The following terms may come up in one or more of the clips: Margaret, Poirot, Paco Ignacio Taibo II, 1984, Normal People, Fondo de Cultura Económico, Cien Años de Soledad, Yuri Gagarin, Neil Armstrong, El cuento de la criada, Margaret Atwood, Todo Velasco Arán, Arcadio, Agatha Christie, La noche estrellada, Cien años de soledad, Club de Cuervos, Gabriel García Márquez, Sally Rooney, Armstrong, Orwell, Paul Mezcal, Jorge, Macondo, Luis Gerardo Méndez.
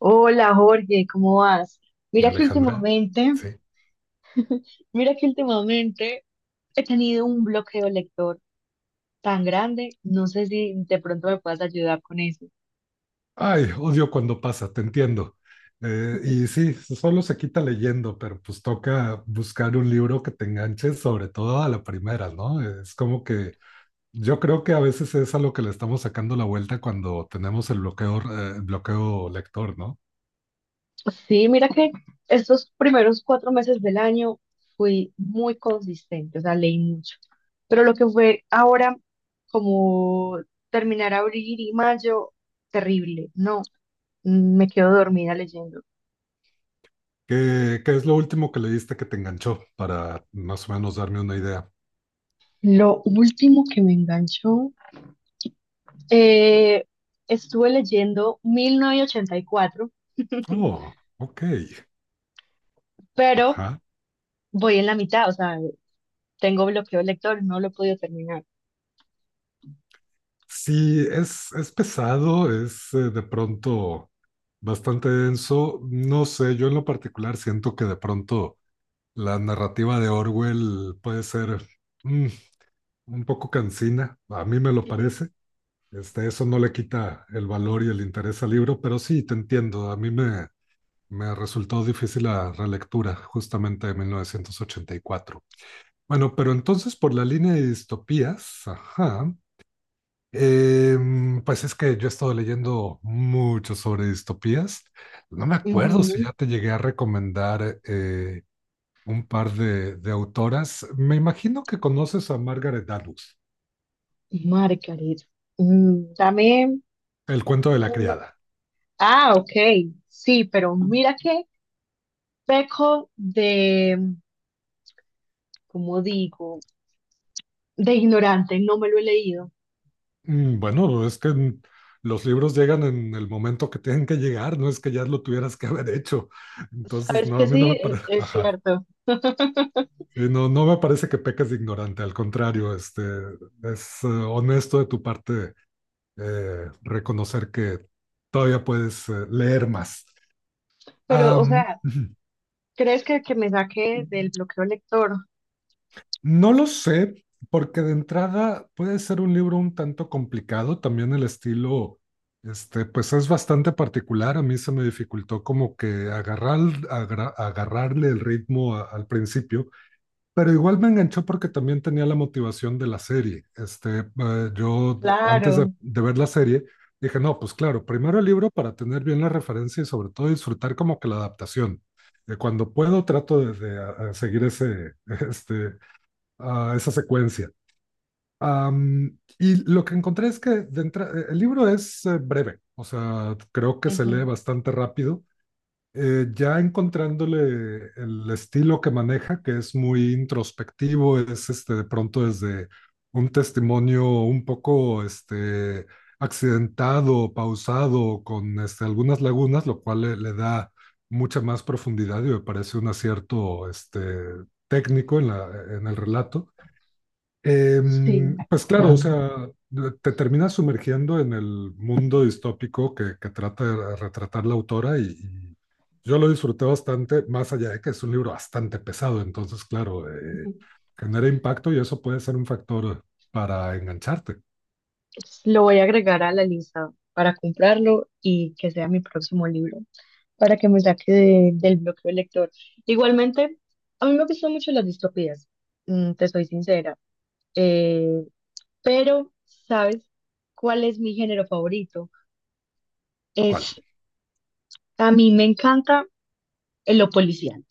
Hola Jorge, ¿cómo vas? Mira que Alejandra, últimamente, sí. mira que últimamente he tenido un bloqueo lector tan grande, no sé si de pronto me puedas ayudar con eso. Ay, odio cuando pasa, te entiendo. Sí, solo se quita leyendo, pero pues toca buscar un libro que te enganche, sobre todo a la primera, ¿no? Es como que yo creo que a veces es a lo que le estamos sacando la vuelta cuando tenemos el bloqueo, bloqueo lector, ¿no? Sí, mira que estos primeros cuatro meses del año fui muy consistente, o sea, leí mucho. Pero lo que fue ahora, como terminar abril y mayo, terrible, no, me quedo dormida leyendo. ¿Qué es lo último que leíste que te enganchó para más o menos darme una idea? Lo último que me enganchó. Eh, Estuve leyendo 1984, Oh, ok. pero Ajá. voy en la mitad, o sea, tengo bloqueo lector, no lo he podido terminar. Sí, es pesado, es de pronto bastante denso. No sé, yo en lo particular siento que de pronto la narrativa de Orwell puede ser mm, un poco cansina, a mí me lo Ujú. parece. Eso no le quita el valor y el interés al libro, pero sí, te entiendo, me resultó difícil la relectura justamente de 1984. Bueno, pero entonces por la línea de distopías, ajá. Pues es que yo he estado leyendo mucho sobre distopías. No me acuerdo si ya te llegué a recomendar un par de autoras. Me imagino que conoces a Margaret Atwood, Ujú, Margaret. Mm, El cuento de la una- criada. Ah, ok. Sí, pero mira qué peco de, ¿cómo digo? De ignorante, no me lo he leído. Bueno, es que los libros llegan en el momento que tienen que llegar, no es que ya lo tuvieras que haber hecho. Entonces, Sabes no, que a mí no sí, me parece, es ajá. cierto. Sí, no, no me parece que peques de ignorante, al contrario, es honesto de tu parte reconocer que todavía puedes leer más. Pero, o Am, sea, ¿crees que me saque del bloqueo lector? no lo sé, porque de entrada puede ser un libro un tanto complicado, también el estilo, pues es bastante particular, a mí se me dificultó como que agarrarle el ritmo al principio. Pero igual me enganchó porque también tenía la motivación de la serie. Yo antes Claro. de ver la serie dije, no, pues claro, primero el libro para tener bien la referencia y sobre todo disfrutar como que la adaptación. Cuando puedo trato de a seguir este, esa secuencia. Y lo que encontré es que el libro es breve, o sea, creo que se lee Ujú. bastante rápido ya encontrándole el estilo que maneja, que es muy introspectivo, de pronto desde un testimonio un poco accidentado, pausado, con algunas lagunas, lo cual le da mucha más profundidad y me parece un acierto técnico en el relato. Sí, Pues claro, o sea, te terminas sumergiendo en el mundo distópico que trata de retratar la autora y yo lo disfruté bastante, más allá de que es un libro bastante pesado, entonces claro, ujú. Genera impacto y eso puede ser un factor para engancharte. Lo voy a agregar a la lista para comprarlo y que sea mi próximo libro, para que me saque del bloqueo lector. Igualmente, a mí me gustan mucho las distopías, mm, te soy sincera, eh, pero ¿sabes cuál es mi género favorito? ¿Cuál? Es, a mí me encanta lo policial.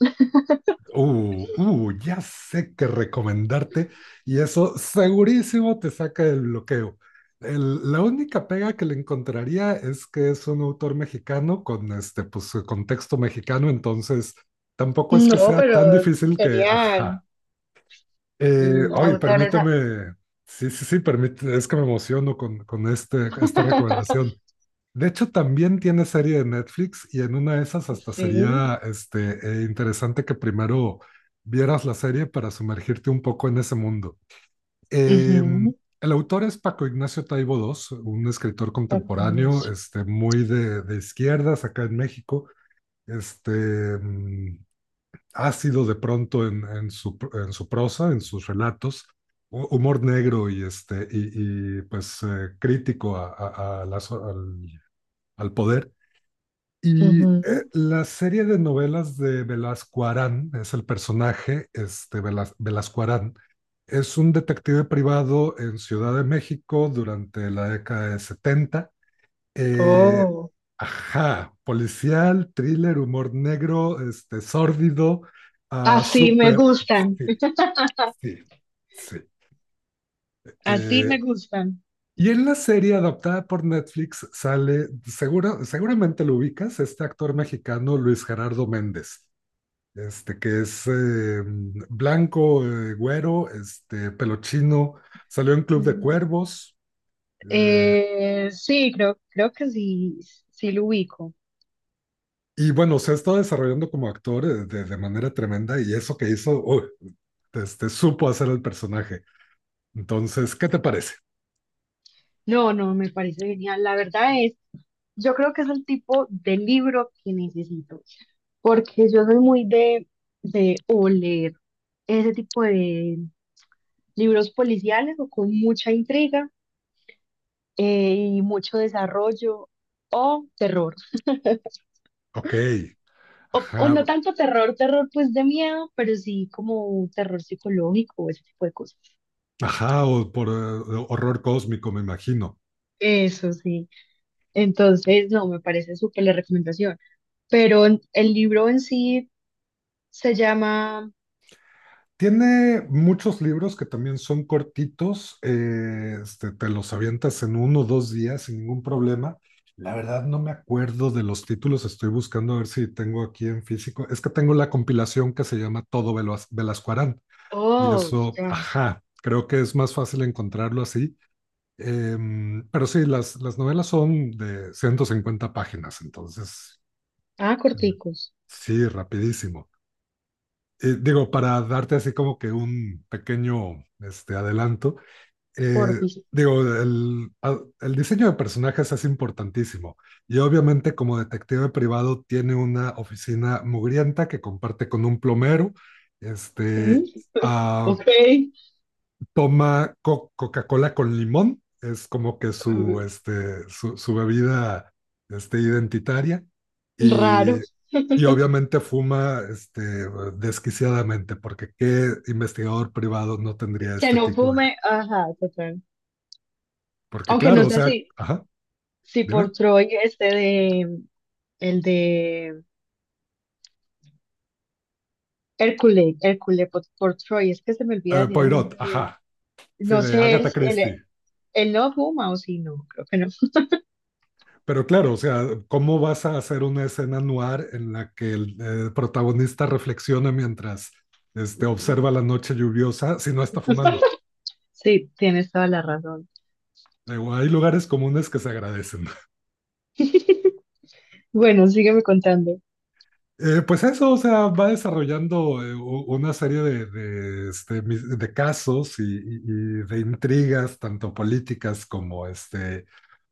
Ya sé que recomendarte y eso segurísimo te saca del bloqueo. La única pega que le encontraría es que es un autor mexicano con pues, contexto mexicano, entonces tampoco es que No, sea pero tan difícil que, serían ajá. Mm, Ay, autores. Ah. permíteme, sí, sí, sí, permíteme, es que me emociono con esta recomendación. De hecho, también tiene serie de Netflix y en una de esas hasta Sí. sería interesante que primero vieras la serie para sumergirte un poco en ese mundo. Eh, Ujú, el autor es Paco Ignacio Taibo II, un escritor contemporáneo, vacunas. Muy de izquierdas acá en México, este, mm, ácido de pronto en su prosa, en sus relatos, humor negro y pues crítico a al al poder. Y Ujú. la serie de novelas de Velasco Arán, es el personaje, este Velasco Arán, es un detective privado en Ciudad de México durante la década de 70. Eh, Oh, ajá, policial, thriller, humor negro, sórdido, ah, así me súper. gustan, Sí, sí, sí. así me Eh, gustan. y en la serie adaptada por Netflix sale, seguramente lo ubicas, este actor mexicano Luis Gerardo Méndez. Este, que es blanco, güero, pelo chino, salió en Club de Mm. Cuervos, eh, Sí, creo que sí, sí lo ubico. y bueno, se ha estado desarrollando como actor de manera tremenda, y eso que hizo, uy, supo hacer el personaje. Entonces, ¿qué te parece? No, no, me parece genial. La verdad es, yo creo que es el tipo de libro que necesito, porque yo soy muy de o leer ese tipo de libros policiales o con mucha intriga, y mucho desarrollo o terror. Ok, O ajá, no tanto terror, terror pues de miedo, pero sí como terror psicológico o ese tipo de cosas. ajá, o por horror cósmico, me imagino. Eso sí. Entonces, no, me parece súper la recomendación. Pero el libro en sí se llama... Tiene muchos libros que también son cortitos, te los avientas en uno o dos días sin ningún problema. La verdad no me acuerdo de los títulos, estoy buscando a ver si tengo aquí en físico. Es que tengo la compilación que se llama Todo Velasco Arán y Oh, eso, ya. ajá, creo que es más fácil encontrarlo así. Pero sí, las novelas son de 150 páginas, entonces, Ah, eh, corticos. sí, rapidísimo digo, para darte así como que un pequeño adelanto, eh, Porfis. digo, el diseño de personajes es importantísimo y obviamente como detective privado tiene una oficina mugrienta que comparte con un plomero, Mm. este, uh, Ok. toma co Coca-Cola con limón, es como que su, Mm. este, su, su bebida identitaria y Raro. y obviamente fuma desquiciadamente, porque qué investigador privado no tendría Que este no tipo de... fume. Ajá, total. Porque Aunque no claro, o sé sea, si, ajá, si dime. por Troy este de... El de Hércules, por Troy, es que se me olvida decir el Poirot, nombre bien. ajá, sí, No de sé, Agatha Christie. él no fuma o sí, no, creo que no. Pero claro, o sea, ¿cómo vas a hacer una escena noir en la que el protagonista reflexiona mientras observa la noche lluviosa si no está fumando? Sí, tienes toda la razón. Digo, hay lugares comunes que se agradecen. Bueno, sígueme contando. Pues eso, o sea, va desarrollando una serie de casos y de intrigas, tanto políticas como este,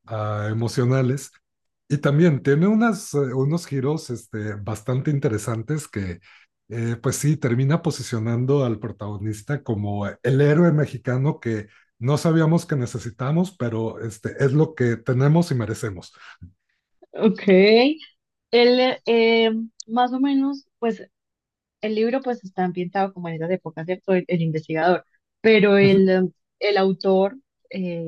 ah, emocionales. Y también tiene unas, unos giros bastante interesantes que pues sí, termina posicionando al protagonista como el héroe mexicano que no sabíamos que necesitamos, pero es lo que tenemos y merecemos. Ok. Él, eh, más o menos, pues el libro pues está ambientado como en esas épocas, ¿cierto? El investigador, pero el autor, eh,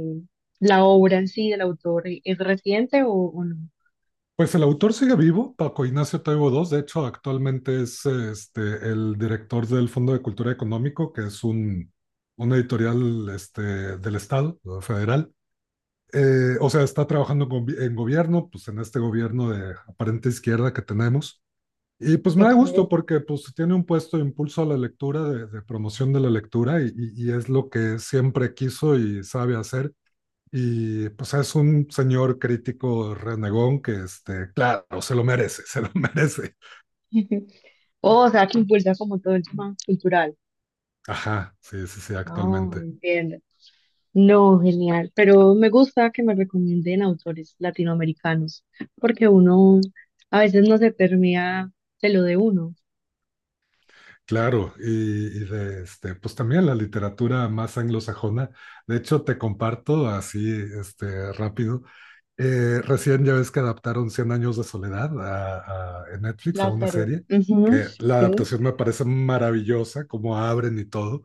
la obra en sí del autor, ¿es reciente o no? Pues el autor sigue vivo, Paco Ignacio Taibo II, de hecho actualmente es el director del Fondo de Cultura Económico, que es una editorial del Estado federal. O sea, está trabajando en gobierno, pues en este gobierno de aparente izquierda que tenemos. Y pues me da Ok. gusto porque pues tiene un puesto de impulso a la lectura, de promoción de la lectura, y es lo que siempre quiso y sabe hacer. Y pues es un señor crítico renegón que, claro, se lo merece, se lo merece. Oh, o sea, que impulsa como todo el tema cultural. Ajá, sí, sí, sí, No, actualmente. entiendo. No, genial. Pero me gusta que me recomienden autores latinoamericanos, porque uno a veces no se permea de lo de uno. Claro, y de pues también la literatura más anglosajona. De hecho, te comparto así, rápido. Recién ya ves que adaptaron Cien años de soledad en Netflix a Las una series. serie, Ujú, que la sí. adaptación me parece maravillosa, como abren y todo,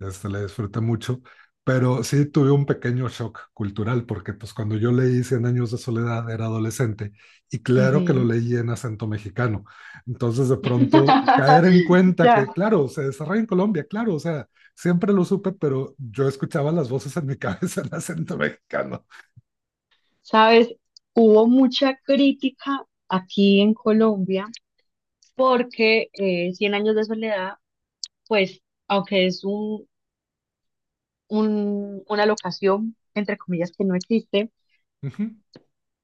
la disfruté mucho, pero sí tuve un pequeño shock cultural, porque pues cuando yo leí Cien años de soledad era adolescente y claro que lo Ujú. leí en acento mexicano, entonces de pronto caer en cuenta Ya, que, claro, se desarrolla en Colombia, claro, o sea, siempre lo supe, pero yo escuchaba las voces en mi cabeza en acento mexicano. sabes, hubo mucha crítica aquí en Colombia porque Cien Años de Soledad, pues, aunque es una locación, entre comillas, que no existe, Ujú.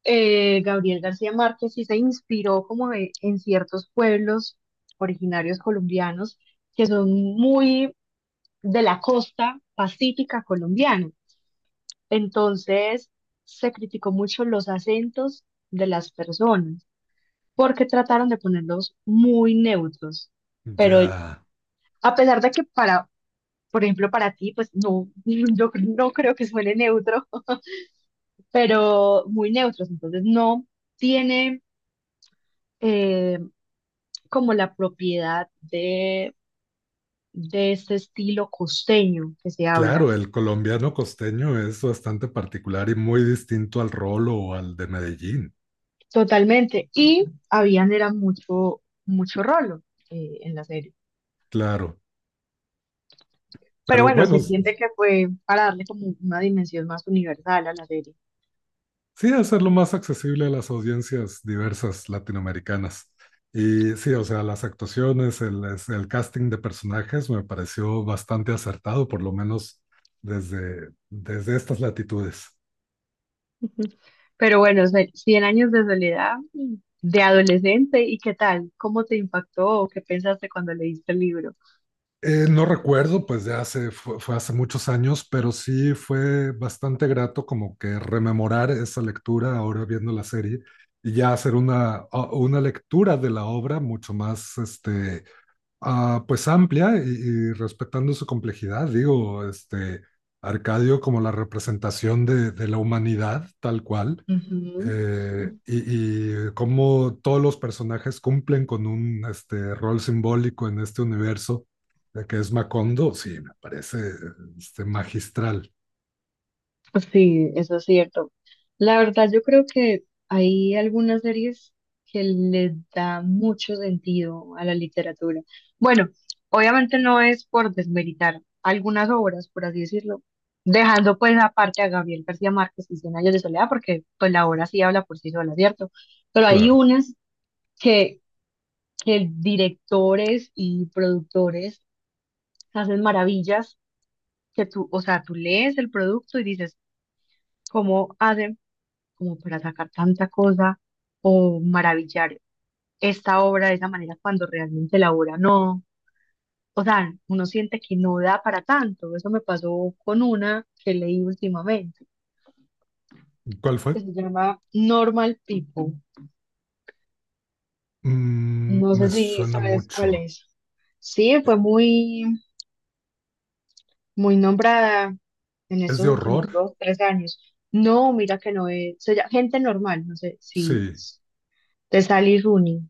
Gabriel García Márquez sí se inspiró como en ciertos pueblos originarios colombianos que son muy de la costa pacífica colombiana. Entonces se criticó mucho los acentos de las personas porque trataron de ponerlos muy neutros. Pero Ya, a pesar de que para, por ejemplo, para ti, pues no, yo no creo que suene neutro, pero muy neutros. Entonces no tiene eh, como la propiedad de este estilo costeño que se habla. claro, el colombiano costeño es bastante particular y muy distinto al rolo o al de Medellín, Totalmente. Y habían era mucho, mucho rolo, en la serie. claro. Pero Pero bueno, bueno, se entiende que fue para darle como una dimensión más universal a la serie. sí hacerlo más accesible a las audiencias diversas latinoamericanas. Y sí, o sea, las actuaciones, el casting de personajes me pareció bastante acertado, por lo menos desde estas latitudes. Pero bueno, 100 años de soledad, mm, de adolescente, ¿y qué tal? ¿Cómo te impactó? ¿Qué pensaste cuando leíste el libro? No recuerdo, pues de hace, fue hace muchos años, pero sí fue bastante grato como que rememorar esa lectura ahora viendo la serie y ya hacer una lectura de la obra mucho más, pues amplia y respetando su complejidad. Digo, Arcadio como la representación de la humanidad tal cual y cómo todos los personajes cumplen con un rol simbólico en este universo, de que es Macondo, sí, me parece magistral. Sí, eso es cierto. La verdad, yo creo que hay algunas series que le da mucho sentido a la literatura. Bueno, obviamente no es por desmeritar algunas obras, por así decirlo, dejando pues aparte a Gabriel García Márquez y Cien años de soledad, porque pues la obra sí habla por sí sola, ¿cierto? Pero hay Claro. unas que, que directores y productores hacen maravillas que tú, o sea, tú lees el producto y dices, ¿cómo hacen? Como para sacar tanta cosa o maravillar esta obra de esa manera cuando realmente la obra no, o sea, uno siente que no da para tanto. Eso me pasó con una que leí últimamente, ¿Cuál que fue? se llama Normal People. Mm, No sé me si suena sabes cuál mucho. es. Sí, fue Eh, muy, muy nombrada en ¿Es estos de últimos horror? dos, tres años. No, mira que no es, se llama Gente Normal, no sé si, Sí. de Sally Rooney,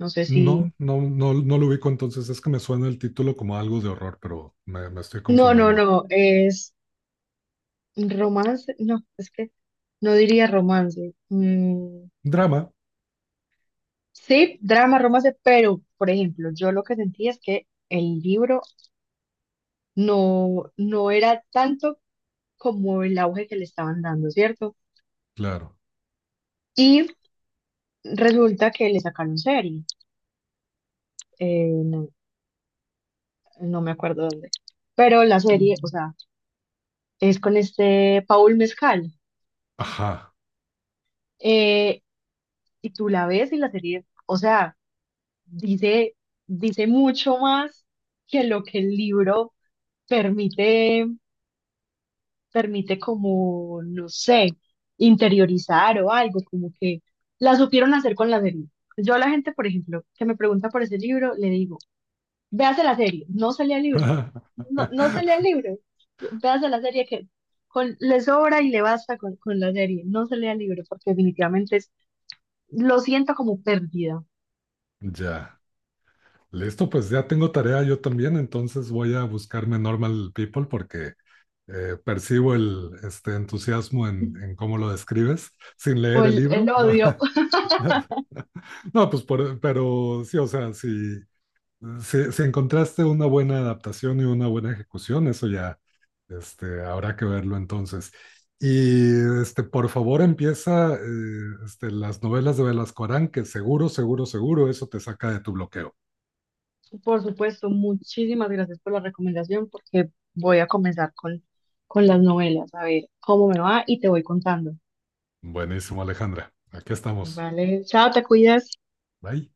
no sé si, No, no, no, no lo ubico entonces. Es que me suena el título como algo de horror, me estoy no, no, confundiendo. no, es Romance, no, es que no diría romance. Mm, Drama, sí, drama, romance, pero, por ejemplo, yo lo que sentía es que el libro no era tanto como el auge que le estaban dando, ¿cierto? Claro. Y resulta que le sacaron serie, no, no me acuerdo dónde, pero la serie, o sea, es con este Paul Mezcal. ajá. eh, y tú la ves y la serie, o sea, dice, dice mucho más que lo que el libro permite, permite como, no sé, interiorizar o algo, como que la supieron hacer con la serie. Yo a la gente, por ejemplo, que me pregunta por ese libro, le digo, véase la serie, no se lea el libro, no, no se lea el libro, véase la serie que con, le sobra y le basta con la serie, no se lea el libro, porque definitivamente es, lo siento como pérdida, Ya. Listo, pues ya tengo tarea yo también, entonces voy a buscarme Normal People porque percibo el entusiasmo en cómo lo describes sin o leer el el libro. odio. No, no, pues pero sí, o sea, si encontraste una buena adaptación y una buena ejecución, eso ya habrá que verlo entonces. Y por favor empieza las novelas de Velasco Arán, que seguro, seguro, seguro eso te saca de tu bloqueo. Por supuesto, muchísimas gracias por la recomendación porque voy a comenzar con las novelas, a ver cómo me va y te voy contando. Buenísimo, Alejandra. Aquí estamos. Vale, chao, te cuidas. Bye.